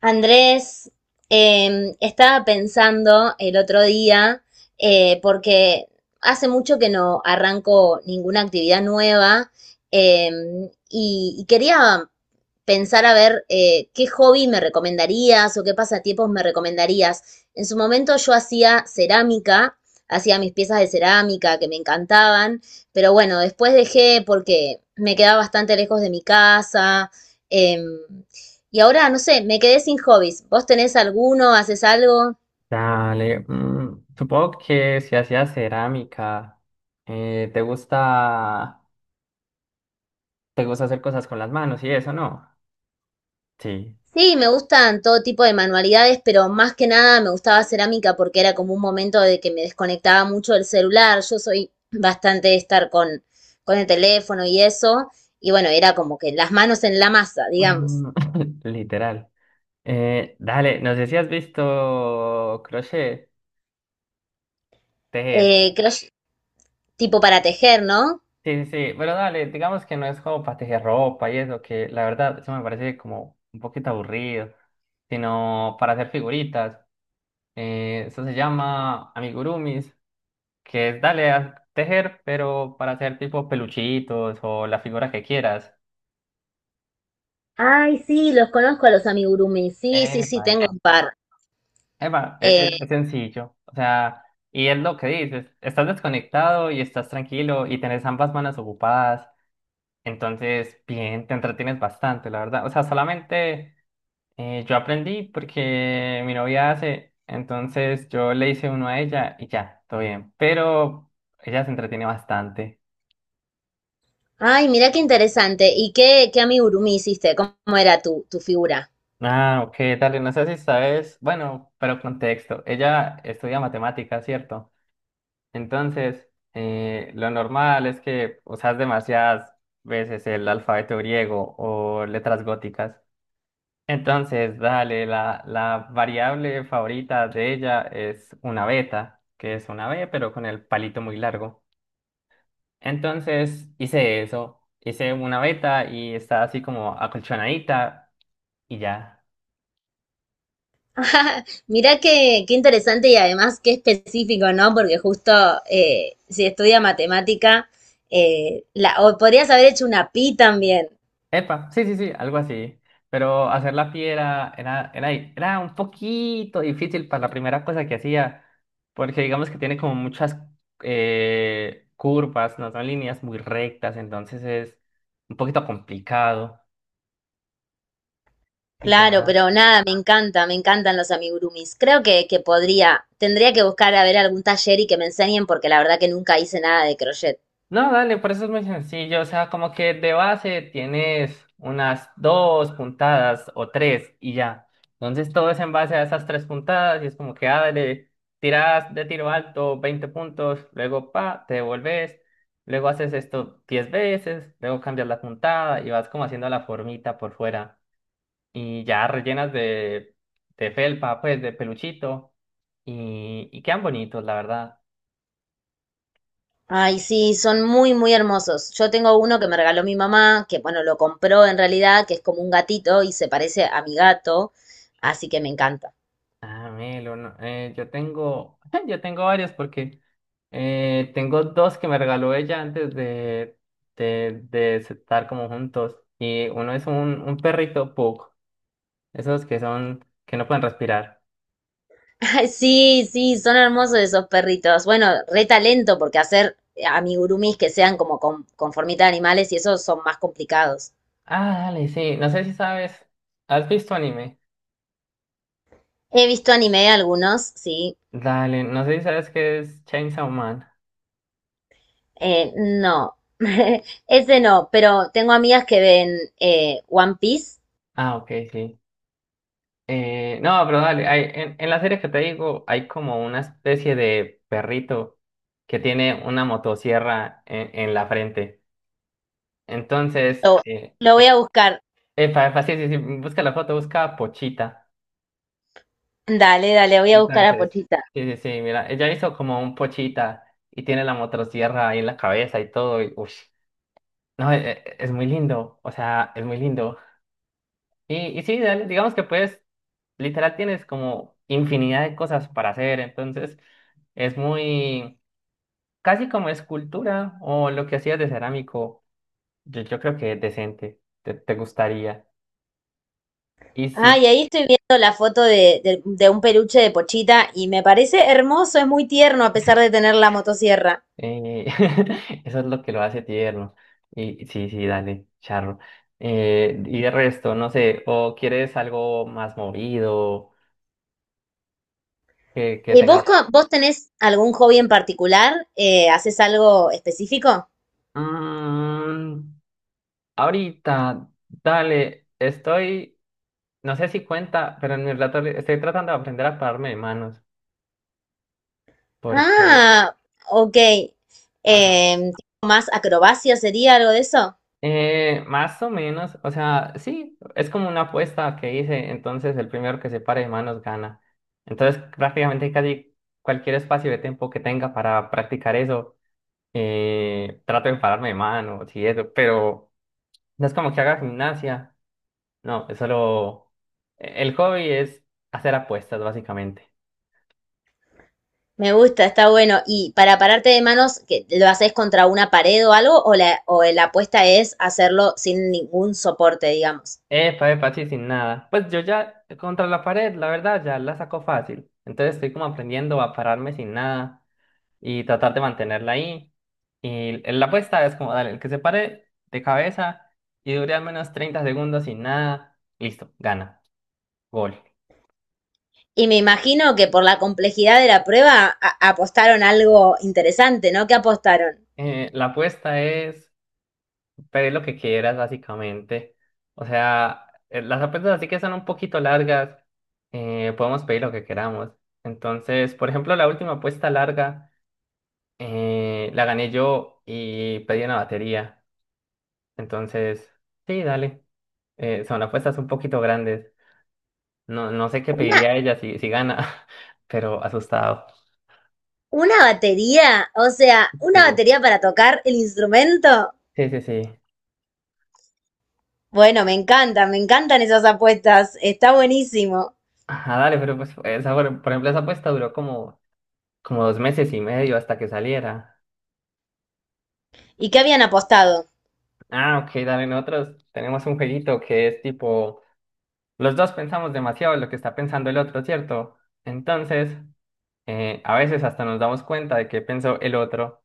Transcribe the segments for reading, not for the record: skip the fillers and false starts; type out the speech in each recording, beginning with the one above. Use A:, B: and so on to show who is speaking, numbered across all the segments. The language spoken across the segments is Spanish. A: Andrés, estaba pensando el otro día, porque hace mucho que no arranco ninguna actividad nueva. Eh, y, y quería pensar a ver qué hobby me recomendarías o qué pasatiempos me recomendarías. En su momento yo hacía cerámica, hacía mis piezas de cerámica que me encantaban, pero bueno, después dejé porque me quedaba bastante lejos de mi casa. em, y ahora, no sé, me quedé sin hobbies. ¿Vos tenés alguno? ¿Haces algo?
B: Dale, supongo que si hacías cerámica, te gusta, hacer cosas con las manos y eso, ¿no? Sí.
A: Sí, me gustan todo tipo de manualidades, pero más que nada me gustaba cerámica porque era como un momento de que me desconectaba mucho del celular. Yo soy bastante de estar con el teléfono y eso. Y bueno, era como que las manos en la masa, digamos.
B: Mm. Literal. Dale, no sé si has visto crochet, tejer.
A: Crochet, tipo para tejer, ¿no?
B: Sí, sí, sí, pero dale, digamos que no es como para tejer ropa y eso, que la verdad eso me parece como un poquito aburrido, sino para hacer figuritas. Eso se llama amigurumis, que es dale a tejer, pero para hacer tipo peluchitos o la figura que quieras.
A: Ay, sí, los conozco a los amigurumis. Sí, sí, sí,
B: Epa,
A: tengo
B: epa.
A: un par.
B: Epa,
A: Eh,
B: es sencillo. O sea, y es lo que dices, estás desconectado y estás tranquilo y tenés ambas manos ocupadas. Entonces, bien, te entretienes bastante, la verdad. O sea, solamente yo aprendí porque mi novia hace, entonces yo le hice uno a ella y ya, todo bien. Pero ella se entretiene bastante.
A: Ay, mira qué interesante. ¿Y qué amigurumi hiciste? ¿Cómo era tu figura?
B: Ah, ok, dale, no sé si sabes, bueno, pero contexto, ella estudia matemáticas, ¿cierto? Entonces, lo normal es que usas demasiadas veces el alfabeto griego o letras góticas. Entonces, dale, la variable favorita de ella es una beta, que es una B, pero con el palito muy largo. Entonces, hice eso, hice una beta y está así como acolchonadita, y ya.
A: Mira qué interesante y además qué específico, ¿no? Porque justo si estudia matemática, o podrías haber hecho una pi también.
B: Epa, sí, sí, sí, algo así. Pero hacer la piedra era un poquito difícil para la primera cosa que hacía, porque digamos que tiene como muchas curvas, no son líneas muy rectas, entonces es un poquito complicado. Y
A: Claro,
B: ya.
A: pero nada, me encanta, me encantan los amigurumis. Creo que podría, tendría que buscar a ver algún taller y que me enseñen porque la verdad que nunca hice nada de crochet.
B: No, dale, por eso es muy sencillo. O sea, como que de base tienes unas dos puntadas o tres, y ya. Entonces todo es en base a esas tres puntadas y es como que, ah, dale, tiras de tiro alto 20 puntos, luego, pa, te devolves, luego haces esto 10 veces, luego cambias la puntada y vas como haciendo la formita por fuera y ya rellenas de, felpa, pues, de peluchito, y quedan bonitos, la verdad.
A: Ay, sí, son muy, muy hermosos. Yo tengo uno que me regaló mi mamá, que bueno, lo compró en realidad, que es como un gatito y se parece a mi gato, así que me encanta.
B: Ah, Melo, no, yo tengo, yo tengo varios porque tengo dos que me regaló ella antes de estar como juntos. Y uno es un perrito pug, esos que son, que no pueden respirar.
A: Ay, sí, sí, son hermosos esos perritos. Bueno, re talento, porque hacer amigurumis que sean como con formita de animales y esos son más complicados.
B: Ah, dale, sí, no sé si sabes, ¿has visto anime?
A: He visto anime algunos, sí.
B: Dale, no sé si sabes qué es Chainsaw Man.
A: No, ese no, pero tengo amigas que ven One Piece.
B: Ah, ok, sí. No, pero dale, hay, en la serie que te digo hay como una especie de perrito que tiene una motosierra en la frente. Entonces,
A: Lo, lo voy a buscar.
B: epa, epa, sí, sí, sí, busca la foto, busca Pochita.
A: Dale, dale, voy a buscar a
B: Entonces,
A: Pochita.
B: sí, sí, sí, mira, ella hizo como un Pochita y tiene la motosierra ahí en la cabeza y todo, y uff, no, es muy lindo, o sea, es muy lindo. Y sí, dale, digamos que puedes, literal tienes como infinidad de cosas para hacer, entonces es muy, casi como escultura o lo que hacías de cerámico. Yo creo que es decente, te gustaría. Y
A: Ah, y
B: sí,
A: ahí estoy viendo la foto de, de un peluche de Pochita y me parece hermoso, es muy tierno a pesar de tener la motosierra.
B: eh, eso es lo que lo hace tierno. Y sí, sí, dale, charro. Y de resto, no sé, o quieres algo más movido, que
A: ¿Vos,
B: tengas...
A: vos tenés algún hobby en particular? ¿Haces algo específico?
B: Mm, Ahorita, dale, estoy... No sé si cuenta, pero en mi relato estoy tratando de aprender a pararme de manos, porque,
A: Ah, ok.
B: ajá.
A: Em, ¿tipo más acrobacia sería algo de eso?
B: Más o menos, o sea, sí, es como una apuesta que hice, entonces el primero que se pare de manos gana. Entonces, prácticamente casi cualquier espacio de tiempo que tenga para practicar eso, trato de pararme de manos y eso, pero no es como que haga gimnasia, no, es solo... El hobby es hacer apuestas, básicamente.
A: Me gusta, está bueno. ¿Y para pararte de manos, que lo haces contra una pared o algo? ¿O o la apuesta es hacerlo sin ningún soporte, digamos?
B: Epa, epa, sí, sin nada. Pues yo ya contra la pared, la verdad, ya la saco fácil. Entonces estoy como aprendiendo a pararme sin nada y tratar de mantenerla ahí. Y la apuesta es como, dale, el que se pare de cabeza y dure al menos 30 segundos sin nada, listo, gana, gol.
A: Y me imagino que por la complejidad de la prueba apostaron algo interesante, ¿no? ¿Qué apostaron?
B: La apuesta es pedir lo que quieras, básicamente. O sea, las apuestas así que son un poquito largas, podemos pedir lo que queramos. Entonces, por ejemplo, la última apuesta larga. La gané yo y pedí una batería. Entonces, sí, dale. Son apuestas un poquito grandes. No, no sé qué
A: ¿Una,
B: pediría ella si gana, pero asustado.
A: una batería? O sea, ¿una
B: Sí,
A: batería para tocar el instrumento?
B: sí, sí. Sí.
A: Bueno, me encantan esas apuestas. Está buenísimo.
B: Ajá, dale, pero pues esa, por ejemplo, esa apuesta duró como 2 meses y medio hasta que saliera.
A: ¿Y qué habían apostado?
B: Ah, ok, dale, nosotros tenemos un jueguito que es tipo, los dos pensamos demasiado en lo que está pensando el otro, ¿cierto? Entonces, a veces hasta nos damos cuenta de qué pensó el otro.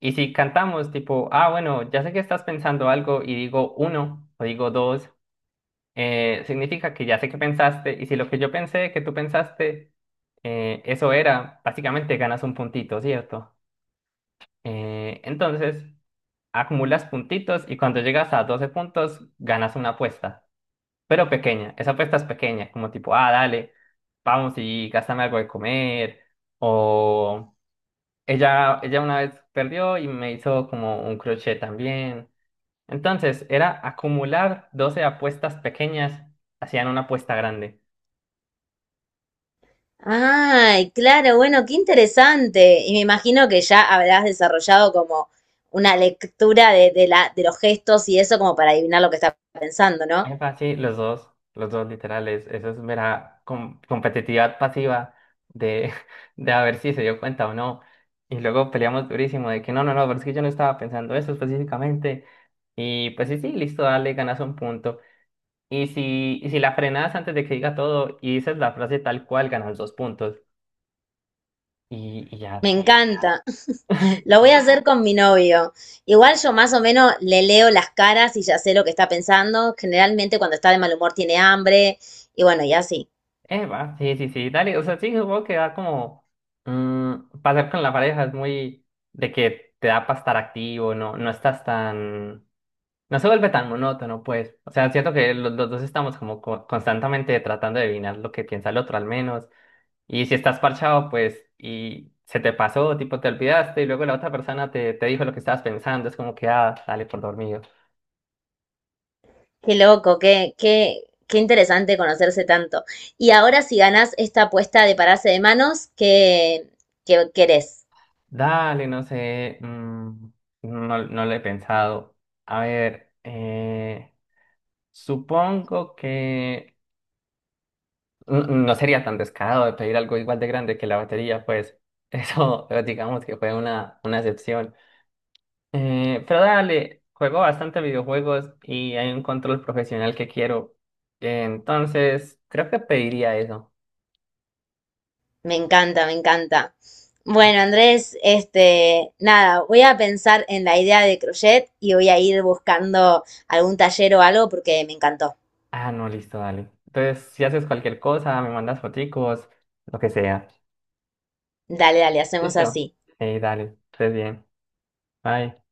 B: Y si cantamos tipo, ah, bueno, ya sé que estás pensando algo y digo uno o digo dos, significa que ya sé que pensaste, y si lo que yo pensé que tú pensaste, eso era, básicamente ganas un puntito, ¿cierto? Entonces, acumulas puntitos, y cuando llegas a 12 puntos, ganas una apuesta, pero pequeña. Esa apuesta es pequeña, como tipo, ah, dale, vamos y gástame algo de comer, o... ella una vez perdió y me hizo como un crochet también. Entonces, era acumular 12 apuestas pequeñas, hacían una apuesta grande.
A: Ay, claro, bueno, qué interesante. Y me imagino que ya habrás desarrollado como una lectura de, de los gestos y eso como para adivinar lo que está pensando, ¿no?
B: Epa, sí, los dos literales. Eso es mera competitividad pasiva de, de a ver si se dio cuenta o no. Y luego peleamos durísimo de que no, no, no, pero es que yo no estaba pensando eso específicamente. Y pues sí, sí, listo, dale, ganas un punto. Y si la frenas antes de que diga todo y dices la frase tal cual, ganas dos puntos. Y ya.
A: Me encanta. Lo voy a
B: Sí.
A: hacer con mi novio. Igual yo más o menos le leo las caras y ya sé lo que está pensando. Generalmente cuando está de mal humor tiene hambre y bueno, y así.
B: Eva, sí, sí, sí, dale, o sea, sí, supongo que da como pasar con la pareja es muy de que te da para estar activo, no, no estás tan, no se vuelve tan monótono, pues. O sea, siento que los dos estamos como constantemente tratando de adivinar lo que piensa el otro al menos, y si estás parchado, pues, y se te pasó, tipo, te olvidaste, y luego la otra persona te dijo lo que estabas pensando, es como que, ah, dale por dormido.
A: Qué loco, qué interesante conocerse tanto. Y ahora si ganás esta apuesta de pararse de manos, ¿qué, qué querés?
B: Dale, no sé, no, no lo he pensado, a ver. Supongo que no sería tan descarado de pedir algo igual de grande que la batería, pues eso digamos que fue una excepción. Pero dale, juego bastante videojuegos y hay un control profesional que quiero. Entonces, creo que pediría eso.
A: Me encanta, me encanta. Bueno, Andrés, este, nada, voy a pensar en la idea de crochet y voy a ir buscando algún taller o algo porque me encantó.
B: Ah, no, listo, dale. Entonces, si haces cualquier cosa, me mandas foticos, lo que sea.
A: Dale, dale, hacemos
B: Listo.
A: así.
B: Dale, estés bien. Bye.